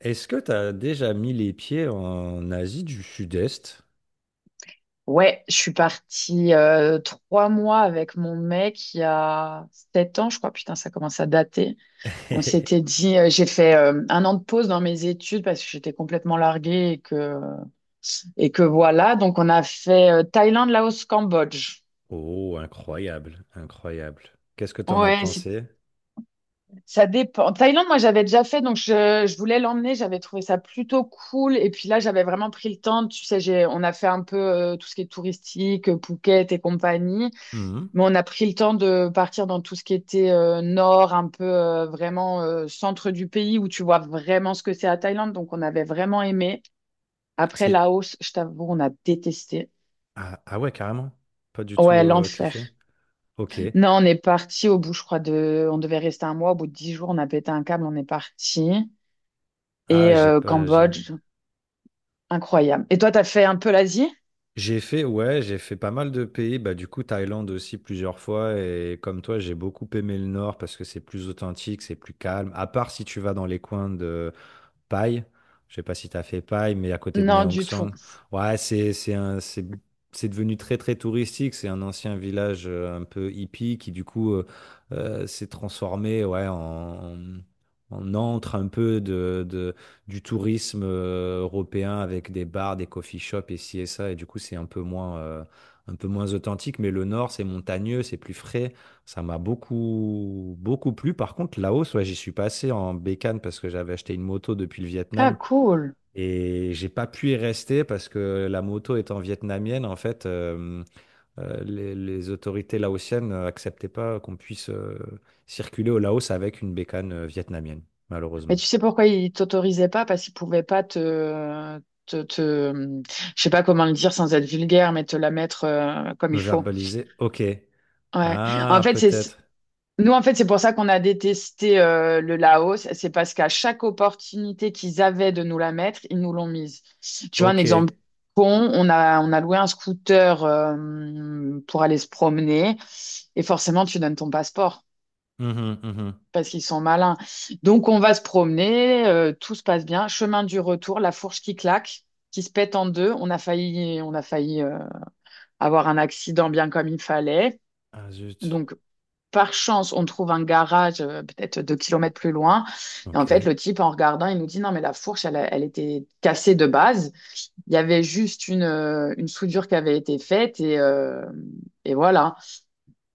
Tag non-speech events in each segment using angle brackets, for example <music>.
Est-ce que tu as déjà mis les pieds en Asie du Sud-Est? Ouais, je suis partie 3 mois avec mon mec il y a 7 ans, je crois. Putain, ça commence à dater. On s'était <laughs> dit, j'ai fait 1 an de pause dans mes études parce que j'étais complètement larguée et que voilà. Donc, on a fait Thaïlande, Laos, Cambodge. Oh, incroyable, incroyable. Qu'est-ce que tu en as Ouais, c'est- pensé? Ça dépend. Thaïlande, moi, j'avais déjà fait, donc je voulais l'emmener. J'avais trouvé ça plutôt cool. Et puis là, j'avais vraiment pris le temps. Tu sais, on a fait un peu tout ce qui est touristique, Phuket et compagnie. Mhm. Mais on a pris le temps de partir dans tout ce qui était nord, un peu vraiment centre du pays où tu vois vraiment ce que c'est la Thaïlande. Donc on avait vraiment aimé. Après C'est... Laos, je t'avoue, on a détesté. Ah, ah ouais, carrément. Pas du tout Ouais, l'enfer. kiffé. Ok. Non, on est parti au bout, je crois, de... On devait rester 1 mois. Au bout de 10 jours, on a pété un câble, on est parti. Ah, Et j'ai pas... Cambodge, incroyable. Et toi, t'as fait un peu l'Asie? j'ai fait, ouais, j'ai fait pas mal de pays. Bah, du coup, Thaïlande aussi plusieurs fois. Et comme toi, j'ai beaucoup aimé le nord parce que c'est plus authentique, c'est plus calme. À part si tu vas dans les coins de Paille. Je sais pas si tu as fait Paille, mais à côté de Non, Mae du tout. Song. Ouais, c'est c'est devenu très très touristique. C'est un ancien village un peu hippie qui du coup s'est transformé ouais en en antre un peu de du tourisme européen avec des bars, des coffee shops et ci et ça. Et du coup, c'est un peu moins authentique. Mais le nord, c'est montagneux, c'est plus frais. Ça m'a beaucoup, beaucoup plu. Par contre, Laos, ouais, j'y suis passé en bécane parce que j'avais acheté une moto depuis le Vietnam Ah, cool. et j'ai pas pu y rester parce que la moto étant vietnamienne, en fait, les autorités laotiennes acceptaient pas qu'on puisse circuler au Laos avec une bécane vietnamienne, Mais malheureusement. tu sais pourquoi ils t'autorisaient pas? Parce qu'ils pouvaient pas te, je sais pas comment le dire sans être vulgaire, mais te la mettre comme Me il faut. verbaliser, ok. Ouais. En Ah, fait, peut-être. nous, en fait, c'est pour ça qu'on a détesté le Laos. C'est parce qu'à chaque opportunité qu'ils avaient de nous la mettre, ils nous l'ont mise. Tu vois, un Ok. exemple con, on a loué un scooter pour aller se promener et forcément, tu donnes ton passeport Mhm, mhm. parce qu'ils sont malins. Donc on va se promener, tout se passe bien. Chemin du retour, la fourche qui claque, qui se pète en deux. On a failli avoir un accident bien comme il fallait. Ah, zut. Donc par chance, on trouve un garage peut-être 2 kilomètres plus loin. Et en fait, Ok. le type, en regardant, il nous dit, non, mais la fourche, elle était cassée de base. Il y avait juste une soudure qui avait été faite et voilà.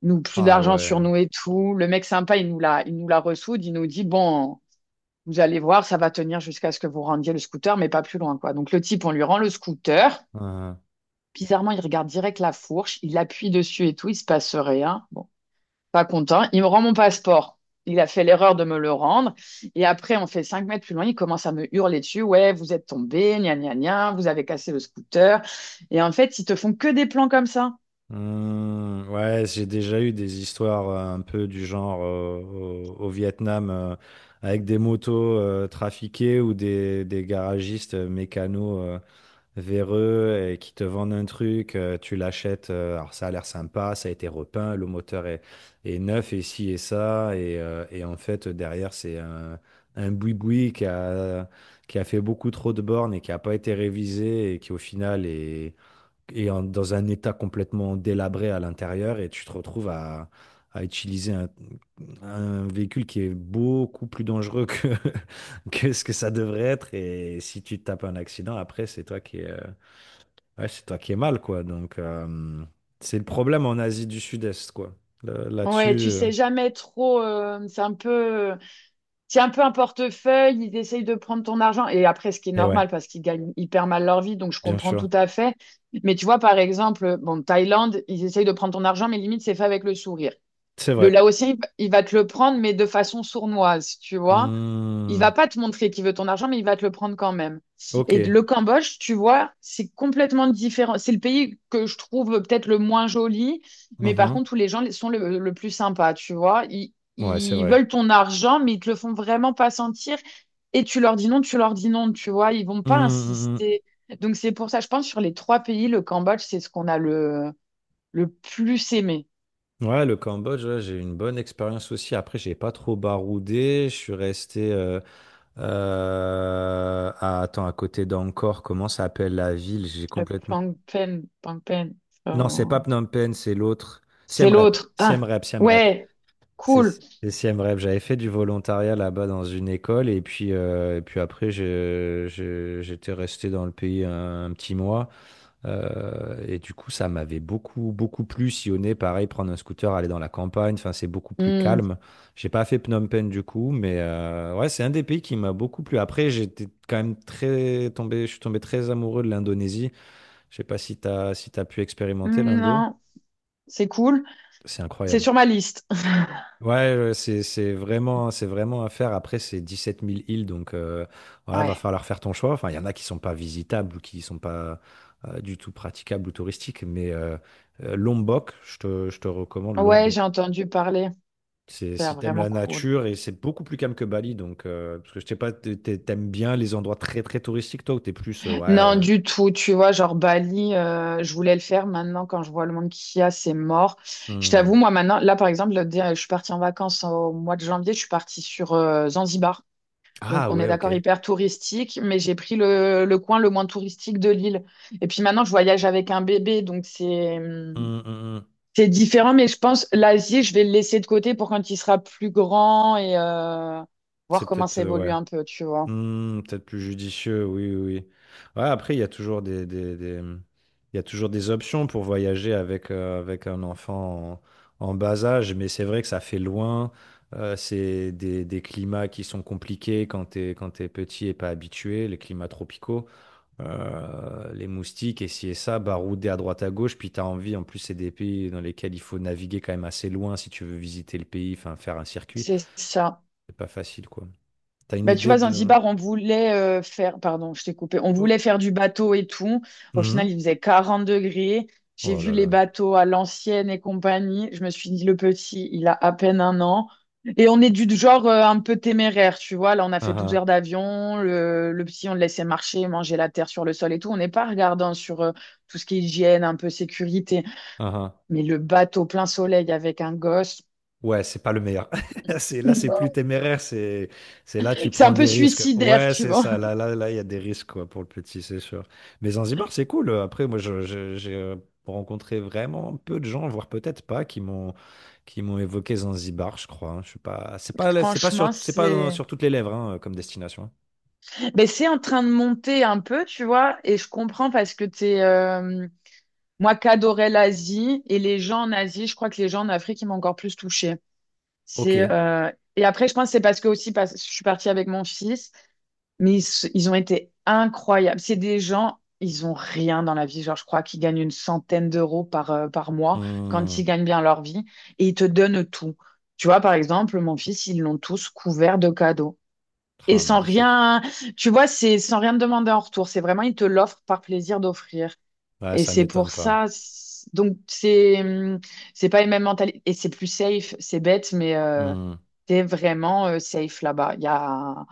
Nous, plus Ah d'argent sur ouais. nous et tout. Le mec sympa, il nous la ressoude. Il nous dit, bon, vous allez voir, ça va tenir jusqu'à ce que vous rendiez le scooter, mais pas plus loin, quoi. Donc le type, on lui rend le scooter. Ah. Bizarrement, il regarde direct la fourche, il appuie dessus et tout, il se passe rien. Bon, pas content. Il me rend mon passeport. Il a fait l'erreur de me le rendre. Et après, on fait 5 mètres plus loin, il commence à me hurler dessus. Ouais, vous êtes tombé, gna gna gna, vous avez cassé le scooter. Et en fait, ils te font que des plans comme ça. Mmh, ouais, j'ai déjà eu des histoires un peu du genre au Vietnam avec des motos trafiquées ou des garagistes mécanos véreux et qui te vendent un truc, tu l'achètes, alors ça a l'air sympa, ça a été repeint, le moteur est neuf et ci et ça, et en fait derrière c'est un boui-boui qui a fait beaucoup trop de bornes et qui n'a pas été révisé et qui au final est dans un état complètement délabré à l'intérieur et tu te retrouves à utiliser un véhicule qui est beaucoup plus dangereux que, <laughs> que ce que ça devrait être et si tu te tapes un accident après c'est toi qui ouais, c'est toi qui es mal quoi donc c'est le problème en Asie du Sud-Est quoi. Ouais, Là-dessus tu sais jamais trop. C'est un peu. Tiens un peu un portefeuille, ils essayent de prendre ton argent. Et après, ce qui est et ouais normal parce qu'ils gagnent hyper mal leur vie, donc je bien comprends sûr tout à fait. Mais tu vois, par exemple, bon, Thaïlande, ils essayent de prendre ton argent, mais limite, c'est fait avec le sourire. c'est Le vrai. Laotien, il va te le prendre, mais de façon sournoise, tu vois. Il Hmm, va pas te montrer qu'il veut ton argent, mais il va te le prendre quand même. ok. Et le Cambodge, tu vois, c'est complètement différent. C'est le pays que je trouve peut-être le moins joli, mais par Mhm. contre, où les gens sont le plus sympas, tu vois. Ouais c'est Ils vrai. veulent ton argent, mais ils te le font vraiment pas sentir. Et tu leur dis non, tu leur dis non, tu vois. Ils vont Hmm, pas hmm, hmm. insister. Donc, c'est pour ça, je pense, sur les trois pays, le Cambodge, c'est ce qu'on a le plus aimé. Ouais, le Cambodge, ouais, j'ai eu une bonne expérience aussi. Après, j'ai pas trop baroudé. Je suis resté attends, à côté d'Angkor. Comment ça s'appelle la ville? J'ai Le complètement. Phnom Penh, Non, c'est pas so- Phnom Penh, c'est l'autre. C'est Siem Reap. l'autre. Siem Ah, Reap, Siem Reap. ouais, C'est cool. c'est Siem Reap. J'avais fait du volontariat là-bas dans une école et puis après, j'étais resté dans le pays un petit mois. Et du coup, ça m'avait beaucoup, beaucoup plu. Sillonner, pareil, prendre un scooter, aller dans la campagne. Enfin, c'est beaucoup plus Hmm, calme. J'ai pas fait Phnom Penh du coup, mais ouais, c'est un des pays qui m'a beaucoup plu. Après, j'étais quand même très tombé, je suis tombé très amoureux de l'Indonésie. Je sais pas si t'as, si t'as pu expérimenter hmm, l'Indo. non, c'est cool. C'est C'est incroyable. sur ma liste. <laughs> Ouais, ouais, c'est vraiment c'est vraiment à faire. Après, c'est dix-sept mille îles, donc voilà, va Ouais, falloir faire ton choix. Enfin, il y en a qui sont pas visitables ou qui sont pas du tout praticables ou touristiques, mais Lombok, je te recommande ouais, Lombok. j'ai entendu parler. C'est C'est si t'aimes vraiment la cool. nature et c'est beaucoup plus calme que Bali, donc parce que je sais pas, t'aimes bien les endroits très très touristiques toi ou t'es plus ouais. Non, Euh, du tout. Tu vois, genre Bali, je voulais le faire. Maintenant, quand je vois le monde qu'il y a, c'est mort. Je t'avoue, hmm. moi, maintenant, là, par exemple, je suis partie en vacances au mois de janvier. Je suis partie sur Zanzibar. Ah Donc, on est ouais, ok. d'accord, hyper touristique, mais j'ai pris le coin le moins touristique de l'île. Et puis maintenant, je voyage avec un bébé, donc Hmm, hmm, hmm. c'est différent, mais je pense l'Asie, je vais le laisser de côté pour quand il sera plus grand et C'est voir comment peut-être ça évolue ouais. un peu, tu vois. Hmm, peut-être plus judicieux, oui, oui. Oui. Ouais, après, il y a toujours des- mmh, il y a toujours des options pour voyager avec, avec un enfant en, en bas âge, mais c'est vrai que ça fait loin. C'est des climats qui sont compliqués quand quand t'es petit et pas habitué, les climats tropicaux. Les moustiques et ci et ça, baroudés à droite à gauche, puis t'as envie, en plus, c'est des pays dans lesquels il faut naviguer quand même assez loin si tu veux visiter le pays, enfin faire un circuit. C'est ça. C'est pas facile, quoi. T'as une Bah, tu idée vois, de... Zanzibar, on voulait faire, pardon, je t'ai coupé, on Oh. voulait faire du bateau et tout. Au Mhm. final, il faisait 40 degrés. J'ai Oh vu là les là. bateaux à l'ancienne et compagnie. Je me suis dit, le petit, il a à peine 1 an. Et on est du genre un peu téméraire, tu vois. Là, on a Ah fait 12 ah, heures d'avion. Le petit, on le laissait marcher, manger la terre sur le sol et tout. On n'est pas regardant sur tout ce qui est hygiène, un peu sécurité. ah ah. Mais le bateau plein soleil avec un gosse, Ouais, c'est pas le meilleur. <laughs> C'est, là, c'est plus <laughs> téméraire. C'est là, tu c'est un prends peu des risques. suicidaire, Ouais, tu c'est vois. ça. Là, là, là, il y a des risques quoi, pour le petit, c'est sûr. Mais Zanzibar, c'est cool. Après, moi, j'ai rencontré vraiment peu de gens, voire peut-être pas, qui m'ont évoqué Zanzibar, je crois. Hein. Je suis pas, c'est pas, Franchement, c'est. sur toutes les lèvres hein, comme destination. Ben c'est en train de monter un peu, tu vois, et je comprends parce que moi qu'adorais l'Asie et les gens en Asie, je crois que les gens en Afrique, ils m'ont encore plus touchée. Ok. Et après, je pense que c'est parce que aussi, parce que je suis partie avec mon fils, mais ils ont été incroyables. C'est des gens, ils ont rien dans la vie. Genre, je crois qu'ils gagnent une centaine d'euros par mois quand Hmm. ils gagnent bien leur vie et ils te donnent tout. Tu vois, par exemple, mon fils, ils l'ont tous couvert de cadeaux. Et Ah, sans magnifique. rien, tu vois, c'est sans rien te demander en retour. C'est vraiment, ils te l'offrent par plaisir d'offrir. Ouais, Et ça c'est m'étonne pour pas. ça. Donc, c'est pas les mêmes mentalités. Et c'est plus safe. C'est bête, mais Hmm. t'es vraiment safe là-bas. Il y a...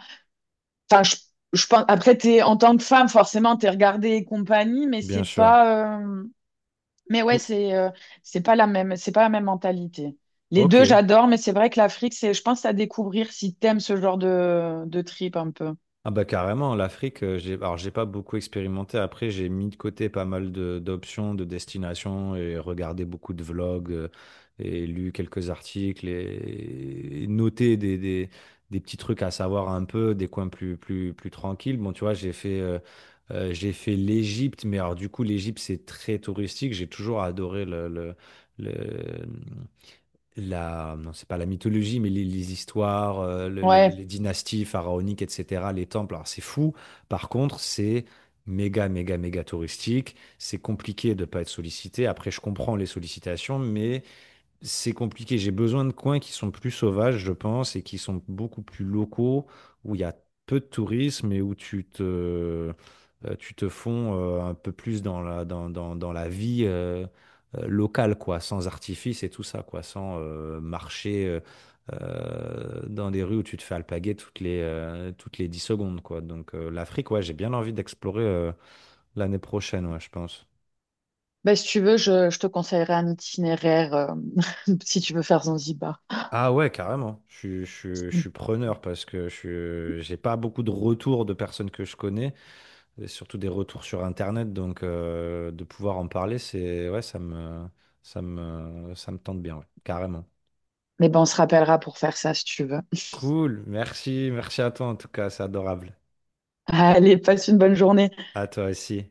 Enfin, je pense... Après, t'es, en tant que femme, forcément, t'es regardée et compagnie, mais Bien c'est sûr. pas... Mais ouais, Ou- c'est pas la même, c'est pas la même mentalité. Les Ok. deux, j'adore, mais c'est vrai que l'Afrique, c'est, je pense, à découvrir si t'aimes ce genre de trip un peu. Ah bah carrément, l'Afrique, j'ai, alors j'ai pas beaucoup expérimenté. Après, j'ai mis de côté pas mal d'options, de destinations et regardé beaucoup de vlogs et lu quelques articles et noté des petits trucs à savoir un peu, des coins plus, plus, plus tranquilles. Bon, tu vois, j'ai fait l'Égypte, mais alors du coup, l'Égypte, c'est très touristique. J'ai toujours adoré le- non, c'est pas la mythologie, mais les histoires, Ouais. les dynasties pharaoniques, etc., les temples, alors c'est fou. Par contre, c'est méga, méga, méga touristique. C'est compliqué de ne pas être sollicité. Après, je comprends les sollicitations, mais c'est compliqué. J'ai besoin de coins qui sont plus sauvages, je pense, et qui sont beaucoup plus locaux, où il y a peu de tourisme et où tu te fonds un peu plus dans dans la vie locale, quoi, sans artifice et tout ça, quoi, sans marcher dans des rues où tu te fais alpaguer toutes les 10 secondes, quoi. Donc l'Afrique, ouais, j'ai bien envie d'explorer l'année prochaine, ouais, je pense. Bah, si tu veux, je te conseillerais un itinéraire <laughs> si tu veux faire Zanzibar. Ah ouais, carrément. Je suis preneur parce que j'ai pas beaucoup de retours de personnes que je connais, et surtout des retours sur Internet, donc de pouvoir en parler, c'est ouais, ça me tente bien, ouais, carrément. Mais ben, on se rappellera pour faire ça si tu veux. Cool, merci, merci à toi en tout cas, c'est adorable. Allez, passe une bonne journée. À toi aussi.